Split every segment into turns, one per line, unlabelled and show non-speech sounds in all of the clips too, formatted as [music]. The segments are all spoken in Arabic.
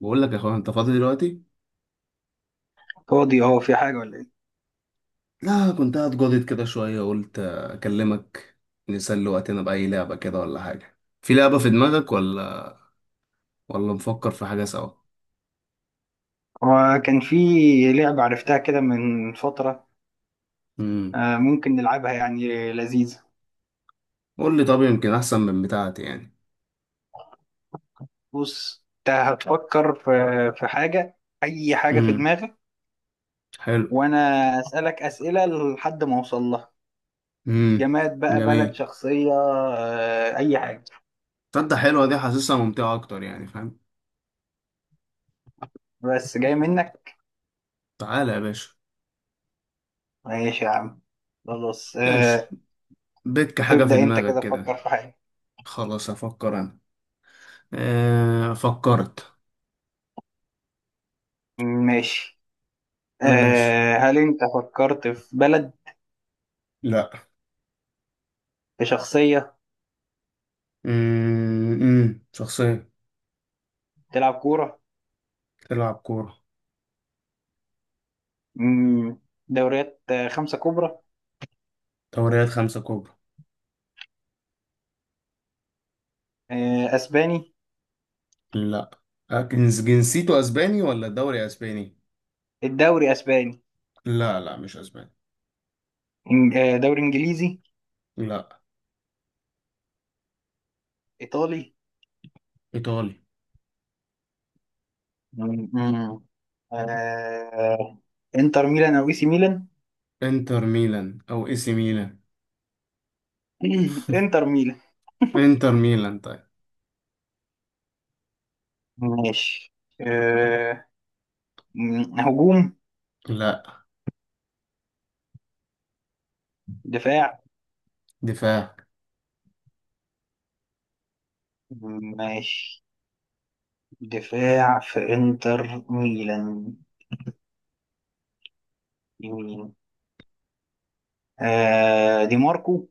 بقول لك يا اخويا، انت فاضي دلوقتي؟
فاضي هو في حاجة ولا ايه؟
لا، كنت قاعد جادد كده شويه قلت اكلمك. نسلي وقتنا باي لعبه كده، ولا حاجه في لعبه في دماغك، ولا نفكر في حاجه سوا؟
هو كان في لعبة عرفتها كده من فترة.
امم
آه، ممكن نلعبها يعني لذيذة.
قول لي، طب يمكن احسن من بتاعتي يعني.
بص انت هتفكر في حاجة، أي حاجة في
امم
دماغك،
حلو.
وأنا أسألك أسئلة لحد ما أوصل لها.
امم
جماد بقى، بلد،
جميل.
شخصية، أي حاجة.
تصدق حلوه دي، حاسسها ممتعه اكتر يعني، فاهم؟
بس جاي منك؟
تعالى يا باشا.
ماشي يا عم، خلاص
ماشي،
آه،
بك حاجه في
ابدأ أنت
دماغك
كده فكر
كده؟
في حاجة.
خلاص افكر انا. فكرت.
ماشي.
ماشي.
هل أنت فكرت في بلد،
لا.
في شخصية
شخصيه.
تلعب كورة؟
تلعب كورة.
مم، دوريات خمسة كبرى.
دوريات خمسة كبرى.
أسباني.
لا. أكنز جنسيته أسباني ولا دوري أسباني؟
الدوري أسباني.
لا لا، مش أسباني.
دوري إنجليزي.
لا.
إيطالي.
إيطالي.
مم، مم، آه، إنتر ميلان أو إي سي ميلان.
إنتر ميلان أو إي سي ميلان؟
[clears throat] إنتر ميلان.
إنتر ميلان طيب.
ماشي. آه، هجوم.
لا.
دفاع.
دفاع.
ماشي. دفاع في إنتر ميلان. يمين. دي ماركو.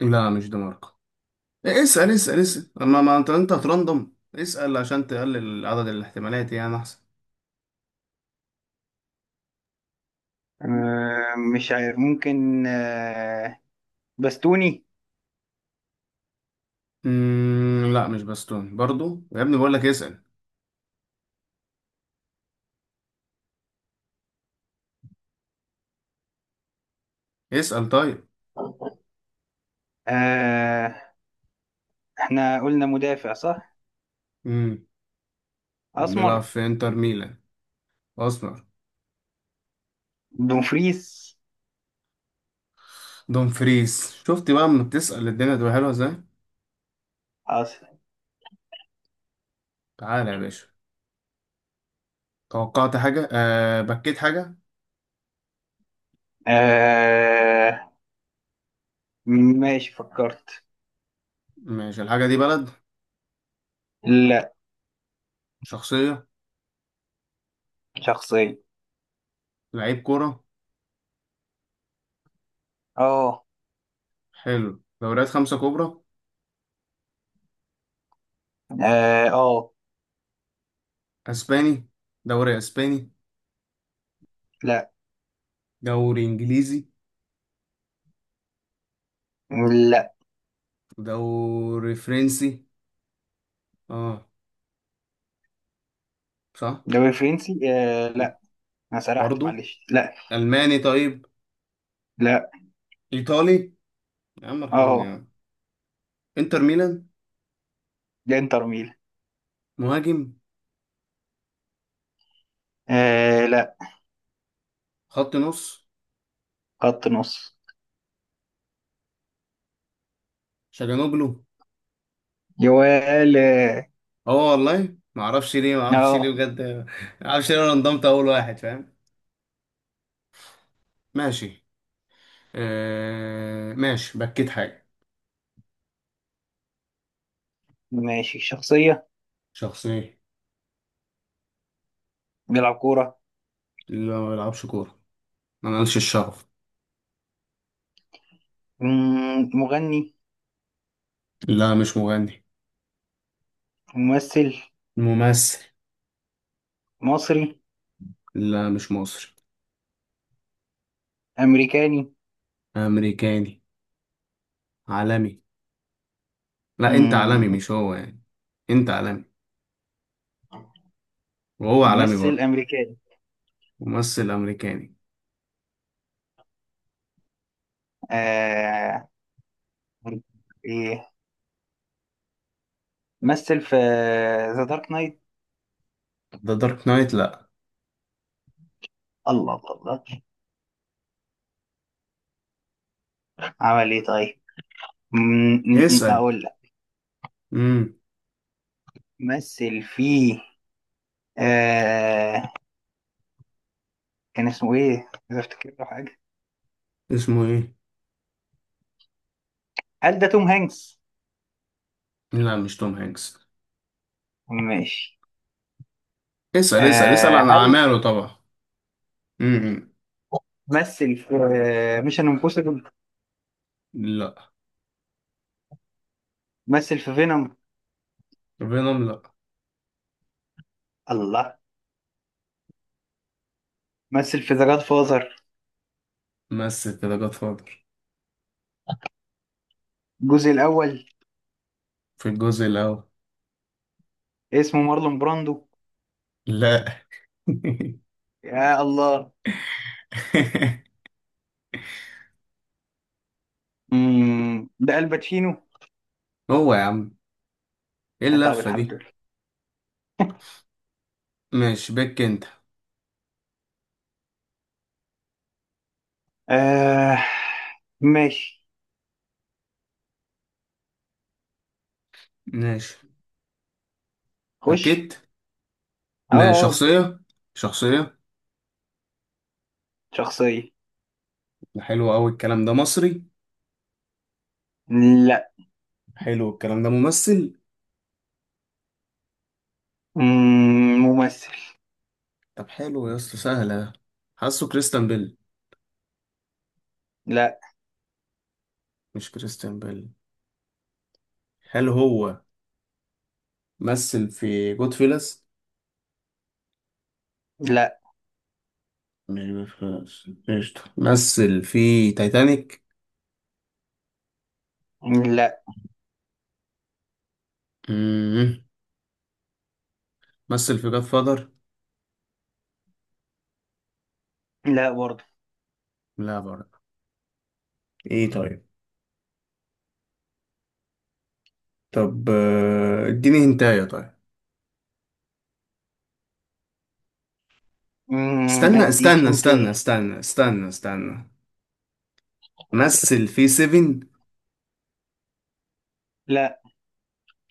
لا، مش دي ماركو. إيه، اسأل اسأل اسأل أما، ما أنت هترندم، اسأل عشان تقلل عدد الاحتمالات يعني أحسن.
مش عارف ممكن. باستوني.
مم، لا مش باستون برضو يا ابني، بقول لك اسأل. اسأل طيب.
آه احنا قلنا مدافع صح؟
مم. وبيلعب
اسمر.
في إنتر ميلان أصلا.
دومفريس.
دوم فريز، شفت بقى اما بتسأل الدنيا تبقى حلوة ازاي.
أص...
تعالى يا باشا. توقعت حاجة، أه بكيت حاجة؟
آه... ماشي، فكرت.
ماشي، الحاجة دي بلد؟
لا.
شخصية.
شخصية.
لعيب كورة.
اه
حلو، دوريات خمسة كبرى.
اه آه.
أسباني؟ دوري أسباني؟
لا
دوري إنجليزي؟
لا.
دوري فرنسي؟ اه صح.
دوري فرنسي
م.
لا. انا سرحت،
برضو؟
معلش، لا.
ألماني طيب.
لا.
إيطالي. يا عم ارحمني يا
اه.
عم. إنتر ميلان.
ده انتر ميلان.
مهاجم.
لا.
خط نص.
خط نص.
شاجانوجلو.
جوال، اه
اه، والله ما اعرفش ليه، ما اعرفش ليه
آه.
بجد، ما اعرفش ليه انا انضمت اول واحد، فاهم؟ ماشي. ماشي، بكيت حاجه؟
ماشي. شخصية.
شخصيه.
بيلعب كورة.
اللي ما بيلعبش كوره، ما مالش الشغف.
مغني.
لا مش مغني.
ممثل.
ممثل.
مصري.
لا مش مصري.
أمريكاني.
امريكاني. عالمي؟ لا، انت عالمي
مم،
مش هو يعني. انت عالمي، وهو عالمي
ممثل
برضه.
امريكاني.
ممثل امريكاني.
آه... ايه، مثل في ذا دارك نايت.
ده دارك نايت؟ لا.
الله الله الله. عمل ايه طيب؟ م-
اسال.
اقول لك.
امم
مثل في آه... كان اسمه ايه اذا افتكر له حاجه؟
اسمه ايه؟
هل ده توم هانكس؟
لا مش توم هانكس.
ماشي.
اسال اسال اسال عن
هل
اعماله طبعا. امم
مثل في ميشن امبوسيبل؟
لا.
مثل في فينوم.
فينوم لا.
الله. مثل في ذا جاد فازر،
مثل كده جاد فاذر؟
الجزء الاول.
في الجزء الأول.
اسمه مارلون براندو.
لا.
يا الله.
[laughs]
ده الباتشينو.
هو يا عم. ايه
يا طب
اللفة
الحمد
دي؟
لله.
ماشي بك انت.
آه ماشي،
ماشي.
خش.
بكيت.
اه
ماشي
اه.
شخصية. شخصية.
شخصية.
ده حلو أوي الكلام ده. مصري؟
لا.
حلو الكلام ده. ممثل؟
ممثل.
طب حلو يا اسطى، سهلة. حاسه كريستيان بيل.
لا.
مش كريستيان بيل؟ هل هو مثل في جود فيلس؟
لا
مش جود فيلس، قشطة. مثل في تايتانيك؟
لا
مم. مثل في جاد فاذر؟
لا برضه.
لا برضه. ايه طيب. طب، اديني هنتايه طيب. استنى
اديك
استنى
انت.
استنى استنى استنى استنى. مثل في سيفن؟
لا.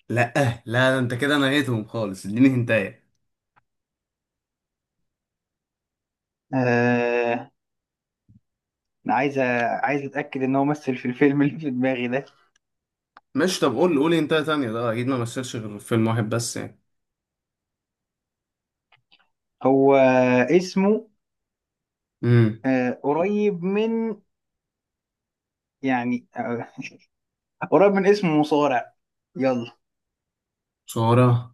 لا. لا ده انت كده نهيتهم خالص، اديني هنتايه.
آه عايز أ- عايز اتاكد ان هو مثل في الفيلم اللي في دماغي ده.
ماشي طب، قول قول هنتايه تانية. ده اكيد ما مثلش غير في فيلم واحد بس يعني.
هو اسمه
امم
قريب من، يعني قريب من اسم مصارع. يلا.
صورة.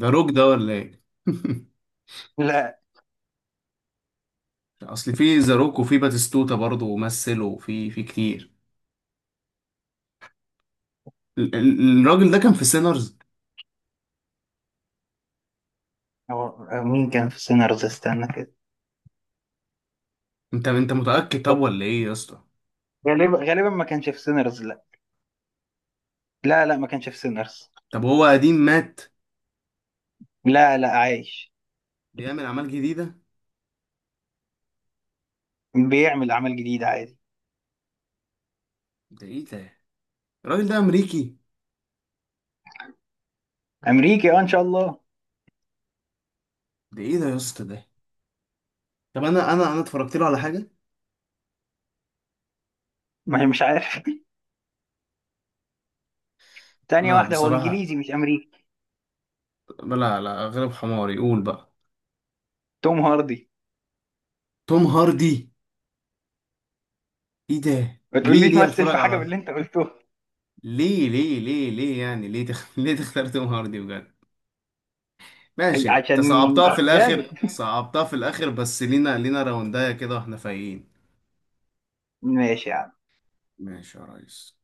ده روك ده ولا ايه؟ [laughs]
لا.
اصل في ذا روك، وفي باتيستوتا برضه ومثل، وفي كتير. الراجل ده كان في سينرز.
هو مين كان في سينرز؟ استنى كده.
انت متأكد طب ولا ايه يا اسطى؟
غالبا غالبا ما كانش في سينرز. لا. لا لا، ما كانش في سينرز.
طب هو قديم، مات؟
لا لا، عايش.
بيعمل اعمال جديده؟
بيعمل اعمال جديده عادي.
ده ايه ده؟ الراجل ده امريكي.
امريكي، اه، ان شاء الله.
ده ايه ده يا اسطى ده؟ طب انا اتفرجت له على حاجه.
ما هي مش عارف. [laughs] تانية
لا
واحده، هو
بصراحه.
انجليزي مش امريكي؟
لا لا، غلب حماري، قول بقى.
توم هاردي.
توم هاردي؟ ايه ده،
ما
ليه
تقوليش
ليه
مثل في
اتفرج
حاجه من
على؟
اللي انت قلته. [laughs]
ليه ليه ليه ليه يعني، ليه [laughs] ليه تختار توم هاردي بجد؟ ماشي، انت
عشان
صعبتها في
جامد.
الاخر، صعبتها في الاخر، بس لينا راوندايه كده واحنا فايقين.
ماشي يا عم.
ماشي يا ريس.